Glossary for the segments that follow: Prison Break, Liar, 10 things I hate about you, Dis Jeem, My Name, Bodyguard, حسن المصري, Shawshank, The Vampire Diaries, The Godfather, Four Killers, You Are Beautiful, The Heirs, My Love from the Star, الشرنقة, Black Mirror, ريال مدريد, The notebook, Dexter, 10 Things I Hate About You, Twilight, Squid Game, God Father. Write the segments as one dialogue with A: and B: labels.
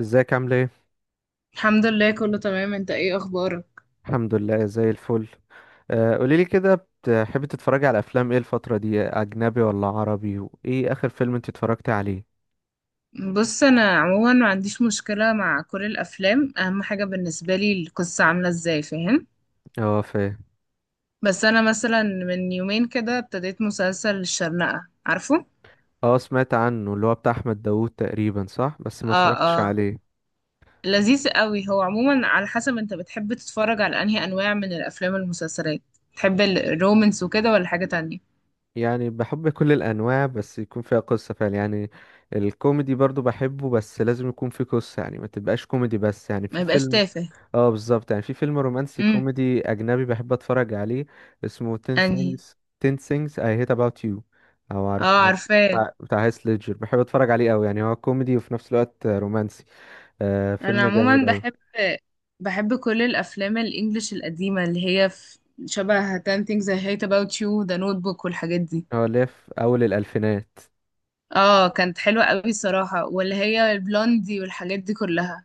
A: ازيك، عامل ايه؟
B: الحمد لله، كله تمام. انت ايه اخبارك؟
A: الحمد لله زي الفل. قوليلي كده، بتحبي تتفرجي على افلام ايه الفتره دي؟ اجنبي ولا عربي؟ وايه اخر فيلم انت اتفرجتي عليه؟
B: بص، انا عموما ما عنديش مشكلة مع كل الافلام، اهم حاجة بالنسبة لي القصة عاملة ازاي، فاهم؟
A: اه فاهم.
B: بس انا مثلا من يومين كده ابتديت مسلسل الشرنقة، عارفه؟
A: اه سمعت عنه، اللي هو بتاع احمد داوود تقريبا، صح؟ بس ما
B: اه.
A: اتفرجتش
B: اه،
A: عليه.
B: لذيذ قوي. هو عموما على حسب انت بتحب تتفرج على انهي انواع من الافلام والمسلسلات، تحب الرومانس وكده ولا حاجة تانية؟
A: يعني بحب كل الانواع، بس يكون فيها قصه فعلا يعني. الكوميدي برضو بحبه، بس لازم يكون فيه قصه، يعني ما تبقاش كوميدي بس، يعني
B: ما
A: في
B: يبقاش
A: فيلم.
B: تافه.
A: اه بالظبط، يعني في فيلم رومانسي
B: امم
A: كوميدي اجنبي بحب اتفرج عليه، اسمه 10
B: انهي؟
A: things. 10 things I hate about you. او عارف
B: اه، عارفاه.
A: بتاع هيث ليدجر، بحب اتفرج عليه قوي، يعني هو كوميدي وفي نفس الوقت رومانسي. آه
B: انا
A: فيلم جميل
B: عموما
A: قوي.
B: بحب كل الافلام الانجليش القديمه اللي هي في شبه 10 things I hate about you، The notebook والحاجات دي.
A: هو اللي في اول الالفينات.
B: اه، كانت حلوه قوي صراحه، واللي هي البلوندي والحاجات دي كلها.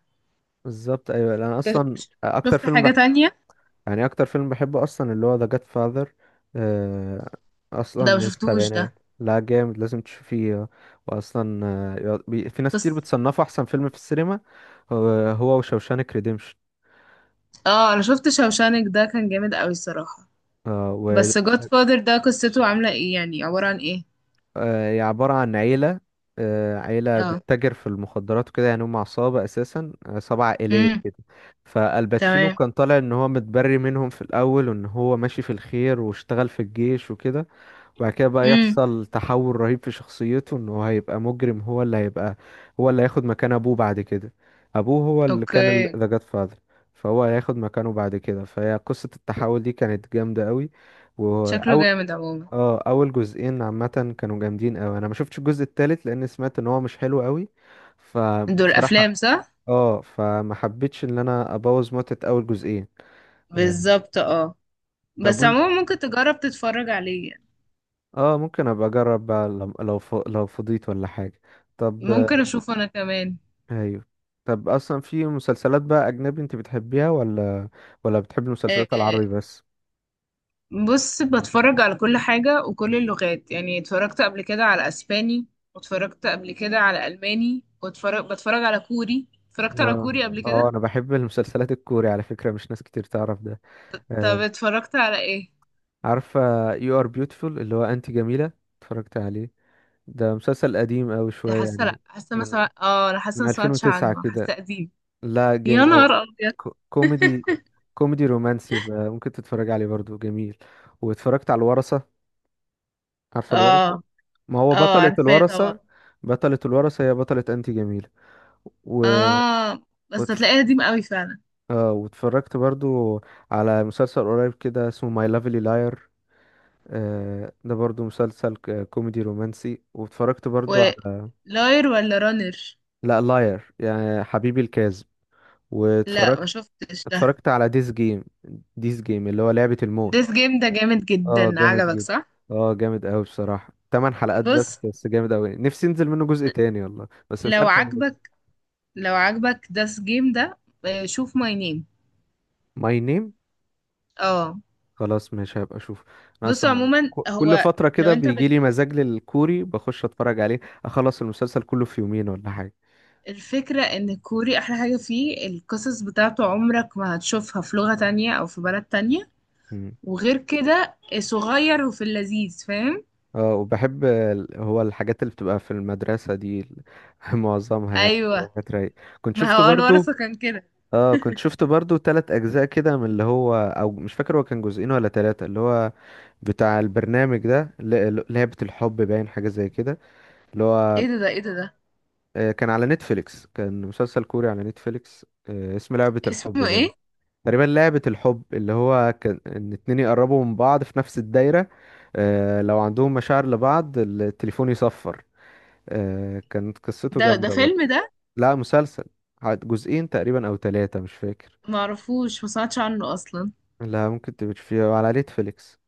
A: بالظبط ايوه، انا
B: انت
A: اصلا اكتر
B: شفت
A: فيلم
B: حاجه
A: بحبه،
B: تانية؟
A: يعني اكتر فيلم بحبه اصلا اللي هو ذا جاد فاذر. اصلا
B: ده ما
A: من
B: شفتوش ده.
A: السبعينات، لا جامد، لازم تشوفيه. واصلا في ناس كتير
B: بس
A: بتصنفه احسن فيلم في السينما. هو وشوشانك ريديمشن.
B: اه، انا شفت شوشانك ده، كان جامد قوي صراحه.
A: وهي
B: بس God Father ده قصته عامله ايه يعني، عباره عن ايه؟
A: عبارة عن عيلة. عيلة
B: اه.
A: بتتاجر في المخدرات وكده، يعني هم عصابة، أساسا عصابة عائلية
B: امم
A: كده. فالباتشينو
B: تمام.
A: كان طالع إن هو متبري منهم في الأول، وإن هو ماشي في الخير واشتغل في الجيش وكده. وبعد كده بقى
B: امم
A: يحصل تحول رهيب في شخصيته، ان هو هيبقى مجرم، هو اللي هيبقى، هو اللي هياخد مكان ابوه بعد كده. ابوه هو اللي كان
B: اوكي.
A: ذا جاد فاذر. فهو هياخد مكانه بعد كده، فهي قصة التحول دي كانت جامدة قوي.
B: شكله
A: واول
B: جامد عموما.
A: اه اول جزئين عامة كانوا جامدين قوي، انا ما شفتش الجزء التالت لان سمعت ان هو مش حلو قوي،
B: دول
A: فبصراحة
B: افلام صح؟
A: اه فما حبيتش ان انا ابوظ متعة اول جزئين. آه،
B: بالظبط، اه.
A: طب
B: بس
A: انت،
B: عموما ممكن تجرب تتفرج عليه يعني.
A: اه ممكن ابقى اجرب بقى لو فضيت ولا حاجة. طب
B: ممكن اشوفه انا كمان.
A: ايوه. طب اصلا في مسلسلات بقى اجنبي انت بتحبيها، ولا ولا بتحبي المسلسلات
B: آه،
A: العربي بس؟
B: بص، بتفرج على كل حاجة وكل اللغات. يعني اتفرجت قبل كده على اسباني، واتفرجت قبل كده على الماني، بتفرج على كوري، اتفرجت على
A: اه
B: كوري قبل
A: اه
B: كده.
A: انا بحب المسلسلات الكوري على فكرة، مش ناس كتير تعرف ده.
B: طب
A: آه.
B: اتفرجت على ايه؟
A: عارفة You Are Beautiful، اللي هو انت جميلة، اتفرجت عليه. ده مسلسل قديم اوي شوية
B: حاسه، لا
A: يعني،
B: حاسه ما
A: من
B: سمع... اه انا حاسه
A: من
B: ما سمعتش
A: 2009
B: عنه،
A: كده.
B: حاسه قديم.
A: لا
B: يا
A: جامد اوي.
B: نهار ابيض.
A: كوميدي، كوميدي رومانسي بقى، ممكن تتفرج عليه برضو، جميل. واتفرجت على الورثة، عارفة
B: اه.
A: الورثة؟ ما هو
B: اه،
A: بطلة
B: عارفاه طبعا.
A: الورثة، بطلة الورثة هي بطلة أنتي جميلة. و...
B: اه، بس
A: وتف...
B: هتلاقيه قديم قوي فعلا.
A: آه واتفرجت برضو على مسلسل قريب كده اسمه ماي لافلي لاير. آه ده برضو مسلسل كوميدي رومانسي. واتفرجت برضو على،
B: ولاير ولا رانر؟
A: لا لاير يعني حبيبي الكاذب.
B: لا ما
A: واتفرجت،
B: شفتش ده.
A: اتفرجت على ديس جيم، ديس جيم اللي هو لعبة الموت.
B: ديس جيم ده جامد
A: اه
B: جدا،
A: جامد
B: عجبك
A: جدا.
B: صح؟
A: اه جامد قوي بصراحة، تمن حلقات بس
B: بص،
A: بس جامد قوي، نفسي ينزل منه جزء تاني والله، بس مش
B: لو
A: عارف.
B: عجبك لو عجبك ديس جيم ده، شوف ماي نيم.
A: ماي نيم،
B: اه.
A: خلاص مش هبقى اشوف. انا
B: بص
A: اصلا
B: عموما
A: كل
B: هو
A: فترة
B: لو
A: كده بيجي لي مزاج للكوري، بخش اتفرج عليه، اخلص المسلسل كله في يومين ولا حاجة.
B: الفكرة ان الكوري احلى حاجة فيه القصص بتاعته، عمرك ما هتشوفها في لغة تانية او في بلد تانية.
A: مم.
B: وغير كده صغير، وفي اللذيذ، فاهم؟
A: اه وبحب هو الحاجات اللي بتبقى في المدرسة دي معظمها يعني
B: ايوه،
A: بتبقى حاجات رايقة. كنت
B: ما
A: شفت
B: هو
A: برضو.
B: الورثة كان كده.
A: اه كنت شفت برضو تلات اجزاء كده من اللي هو، او مش فاكر هو كان جزئين ولا تلاتة، اللي هو بتاع البرنامج ده لعبة الحب باين، حاجة زي كده، اللي هو
B: ايه ده؟
A: كان على نتفليكس، كان مسلسل كوري على نتفليكس. اسمه لعبة الحب
B: اسمه ايه
A: باين تقريبا، لعبة الحب اللي هو كان ان اتنين يقربوا من بعض في نفس الدايرة. لو عندهم مشاعر لبعض التليفون يصفر. كانت قصته
B: ده ده
A: جامدة برضه.
B: فيلم ده؟
A: لا مسلسل، عاد جزئين تقريبا او ثلاثة مش فاكر.
B: معرفوش، ما سمعتش عنه اصلا.
A: لا ممكن تبقى فيه على نتفليكس.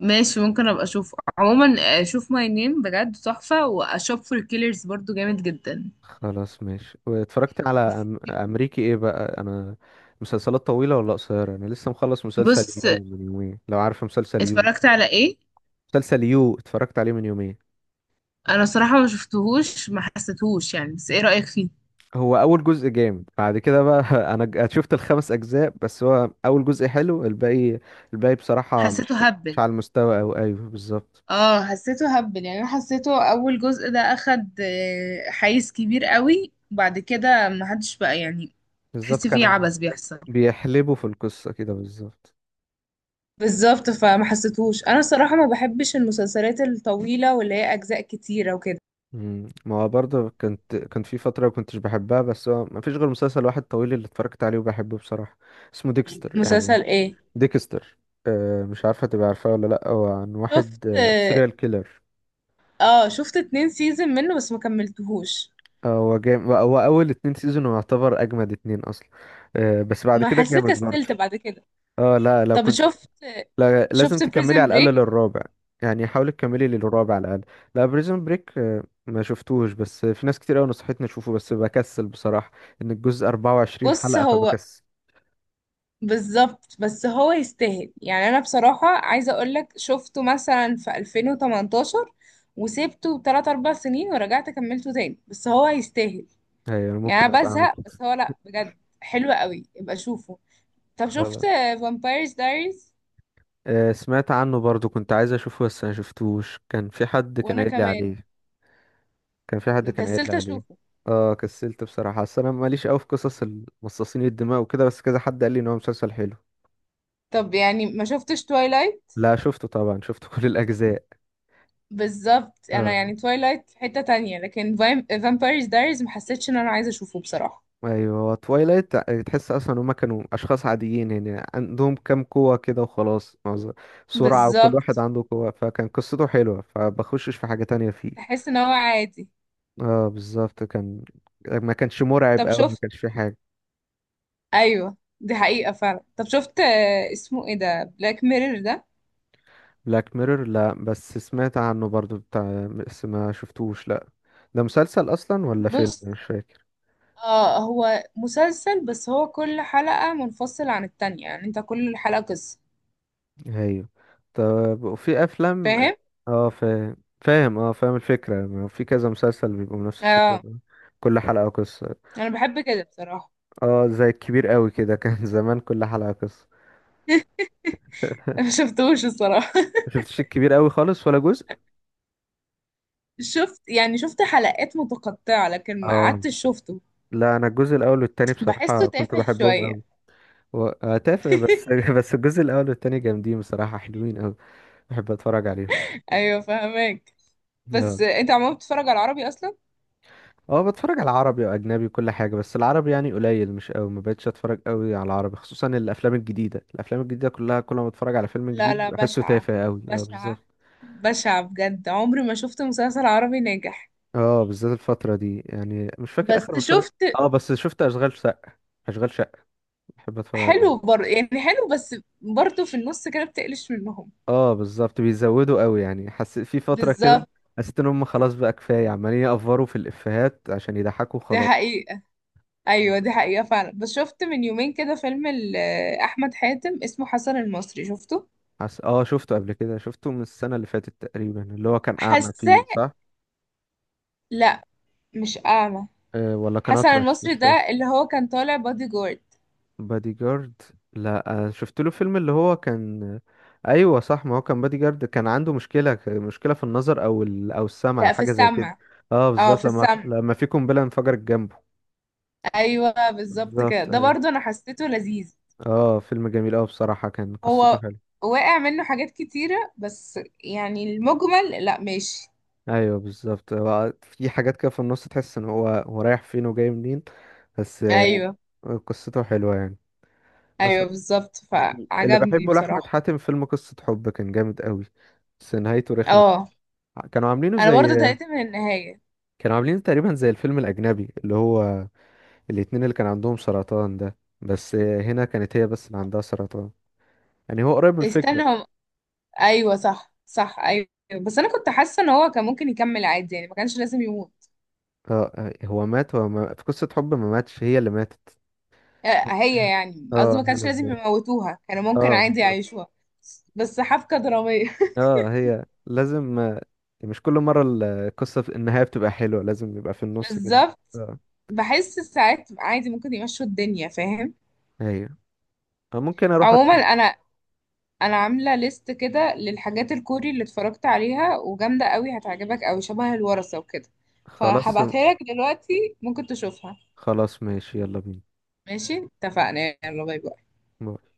B: ماشي، ممكن ابقى اشوفه عموما. اشوف ماي نيم بجد تحفة، واشوف فور كيلرز برضو جامد جدا.
A: خلاص ماشي. واتفرجت على امريكي، ايه بقى انا، مسلسلات طويلة ولا قصيرة؟ انا لسه مخلص مسلسل
B: بص،
A: يو من يومين، لو عارف مسلسل يو.
B: اتفرجت على ايه؟
A: مسلسل يو اتفرجت عليه من يومين.
B: انا صراحة ما شفتهوش، ما حسيتهوش يعني. بس ايه رأيك فيه؟
A: هو اول جزء جامد، بعد كده بقى انا شفت الخمس اجزاء، بس هو اول جزء حلو، الباقي الباقي بصراحة
B: حسيته
A: مش، مش
B: هبل.
A: على المستوى، او ايوه بالظبط.
B: اه حسيته هبل، يعني انا حسيته اول جزء ده اخد حيز كبير قوي، وبعد كده ما حدش بقى يعني
A: بالظبط
B: تحس فيه
A: كانوا
B: عبث بيحصل.
A: بيحلبوا في القصة كده بالظبط.
B: بالظبط، فما حسيتهوش انا صراحة. ما بحبش المسلسلات الطويلة واللي هي اجزاء كتيرة وكده.
A: مم. ما هو برضه كنت، كان في فترة ما كنتش بحبها، بس هو ما فيش غير مسلسل واحد طويل اللي اتفرجت عليه وبحبه بصراحة، اسمه ديكستر يعني.
B: مسلسل ايه؟
A: ديكستر. أه مش عارفة تبقى عارفاه ولا لأ، هو عن
B: شفت.
A: واحد سيريال كيلر.
B: اه شفت اتنين سيزون منه بس ما كملتهوش،
A: هو جامد، هو اول اتنين سيزون يعتبر اجمد اتنين اصلا. بس بعد
B: ما
A: كده
B: حسيت،
A: جامد برضه.
B: كسلت بعد كده.
A: اه لا لو
B: طب
A: كنت،
B: شفت،
A: لا لازم
B: شفت
A: تكملي
B: بريزن
A: على الاقل
B: بريك؟
A: للرابع. يعني حاولي تكملي للرابع على الاقل. لا بريزون بريك ما شفتوش، بس في ناس كتير قوي نصحتني اشوفه بس بكسل بصراحة، ان الجزء 24
B: بص،
A: حلقة،
B: هو
A: فبكسل.
B: بالظبط، بس هو يستاهل يعني. انا بصراحة عايزة اقولك شفته مثلا في 2018، وسيبته 3 4 سنين ورجعت كملته تاني، بس هو يستاهل.
A: ايوه أنا
B: يعني
A: ممكن
B: انا
A: ابقى اعمل
B: بزهق، بس
A: كده.
B: هو لا بجد حلو قوي، يبقى شوفه. طب شفت
A: خلاص.
B: فامبايرز دايريز؟
A: سمعت عنه برضه كنت عايز اشوفه، بس ما شفتوش. كان في حد كان
B: وانا
A: قايل لي
B: كمان
A: عليه. كان في حد كان قايل لي
B: كسلت
A: عليه.
B: اشوفه.
A: اه كسلت بصراحة، اصل انا ماليش قوي في قصص المصاصين الدماء وكده، بس كذا حد قال لي ان هو مسلسل حلو.
B: طب يعني ما شفتش تويلايت؟
A: لا شفته طبعا، شفت كل الاجزاء.
B: بالظبط. انا
A: آه.
B: يعني تويلايت في حتة تانية، لكن فامبايرز دايريز ما حسيتش ان انا عايزة اشوفه بصراحة.
A: ايوه توايلايت، تحس اصلا هما كانوا اشخاص عاديين، يعني عندهم كام قوة كده وخلاص، معظم سرعة، وكل واحد
B: بالظبط،
A: عنده قوة، فكان قصته حلوة فبخشش في حاجة تانية فيه.
B: تحس ان هو عادي.
A: اه بالظبط كان، ما كانش مرعب
B: طب
A: قوي، ما
B: شفت.
A: كانش فيه حاجة.
B: ايوه دي حقيقة فعلا. طب شفت، اسمه ايه ده، بلاك ميرور ده؟
A: بلاك ميرور لا، بس سمعت عنه برضو بتاع، بس ما شفتوش لا. ده مسلسل اصلا ولا فيلم
B: بص،
A: مش فاكر؟
B: اه هو مسلسل، بس هو كل حلقة منفصلة عن التانية. يعني انت كل حلقة قصة،
A: ايوه. طب وفي افلام؟
B: فاهم؟
A: اه فاهم. فاهم اه فاهم الفكره، ما في كذا مسلسل بيبقوا نفس الفكره
B: اه
A: ده. كل حلقه قصه.
B: انا بحب كده بصراحة.
A: اه زي الكبير قوي كده كان زمان كل حلقه قصه.
B: ما شفتوش الصراحة.
A: ما شفتش الكبير قوي خالص ولا جزء.
B: شفت يعني، شفت حلقات متقطعة لكن ما
A: اه
B: قعدتش شفته.
A: لا انا الجزء الاول والتاني
B: بحسه
A: بصراحه كنت
B: تافه
A: بحبهم
B: شوية.
A: قوي. تافه بس بس الجزء الاول والتاني جامدين بصراحه، حلوين قوي. بحب اتفرج
B: ايوه فهمك. بس
A: عليهم.
B: انت عمال بتتفرج على العربي اصلا؟
A: اه بتفرج على عربي واجنبي وكل حاجه، بس العربي يعني قليل مش قوي، ما بقتش اتفرج قوي على العربي، خصوصا الافلام الجديده. الافلام الجديده كلها كل ما بتفرج على فيلم
B: لا
A: جديد
B: لا
A: بحسه
B: بشعة.
A: تافه قوي، اه
B: بشعة.
A: بالظبط.
B: بشعة بجد، عمري ما شفت مسلسل عربي ناجح.
A: اه بالذات الفتره دي، يعني مش فاكر
B: بس
A: اخر مسلسل.
B: شفت،
A: اه بس شفت اشغال شقه، اشغال شقه بحب اتفرج
B: حلو
A: عليه.
B: يعني حلو، بس برضه في النص كده بتقلش منهم.
A: اه بالظبط بيزودوا قوي، يعني حسيت في فتره كده،
B: بالظبط،
A: حسيت ان هم خلاص بقى كفايه، عمالين يأفوروا في الافيهات عشان يضحكوا
B: دي
A: خلاص.
B: حقيقة. أيوة دي حقيقة فعلا. بس شفت من يومين كده فيلم أحمد حاتم، اسمه حسن المصري، شفته؟
A: اه شفته قبل كده، شفته من السنه اللي فاتت تقريبا، اللي هو كان اعمى
B: حاسة،
A: فيه صح؟
B: لا مش أعمى.
A: ولا كان
B: حسن
A: اطرش مش
B: المصري ده
A: فاكر.
B: اللي هو كان طالع بادي جارد.
A: بادي جارد، لا أنا شفت له فيلم اللي هو كان. ايوه صح، ما هو كان بادي جارد، كان عنده مشكله مشكله في النظر او او السمع،
B: لا في
A: حاجه زي كده.
B: السمع.
A: اه
B: اه
A: بالظبط،
B: في
A: لما
B: السمع.
A: لما في قنبله انفجرت جنبه.
B: ايوه بالظبط كده.
A: بالظبط
B: ده
A: ايوه.
B: برضو انا حسيته لذيذ.
A: اه فيلم جميل اوي بصراحه، كان قصته
B: هو
A: حلوه.
B: واقع منه حاجات كتيرة، بس يعني المجمل لا ماشي.
A: ايوه بالظبط، هو في حاجات كده في النص تحس ان هو رايح فين وجاي منين، بس
B: ايوه،
A: قصته حلوه يعني.
B: ايوه
A: اصلا
B: بالظبط،
A: اللي
B: فعجبني
A: بحبه لاحمد
B: بصراحة.
A: حاتم فيلم قصه حب، كان جامد قوي، بس نهايته رخمه.
B: اه
A: كانوا عاملينه
B: انا برضو
A: زي،
B: تهيت من النهاية.
A: كانوا عاملينه تقريبا زي الفيلم الأجنبي اللي هو الاتنين اللي كان عندهم سرطان ده، بس هنا كانت هي بس اللي عندها سرطان، يعني هو قريب من
B: استنى
A: الفكرة.
B: هم. ايوه صح صح، ايوه. بس انا كنت حاسة ان هو كان ممكن يكمل عادي، يعني ما كانش لازم يموت.
A: اه هو مات، هو ما... في قصة حب ما ماتش، هي اللي ماتت.
B: هي يعني، قصدي
A: اه
B: ما
A: هنا
B: كانش لازم
A: ازاي؟
B: يموتوها، كانوا ممكن
A: اه
B: عادي
A: بالظبط.
B: يعيشوها. بس حبكة درامية.
A: اه هي لازم مش كل مرة القصة في النهاية بتبقى حلوة، لازم يبقى في النص كده.
B: بالظبط.
A: اه
B: بحس ساعات عادي ممكن يمشوا الدنيا، فاهم؟
A: ايوه. ممكن اروح
B: عموما انا، انا عامله ليست كده للحاجات الكوري اللي اتفرجت عليها وجامده قوي، هتعجبك قوي، شبه الورثه وكده،
A: خلاص.
B: فهبعتها لك دلوقتي ممكن تشوفها.
A: خلاص ماشي يلا
B: ماشي، اتفقنا، يلا باي باي.
A: بينا.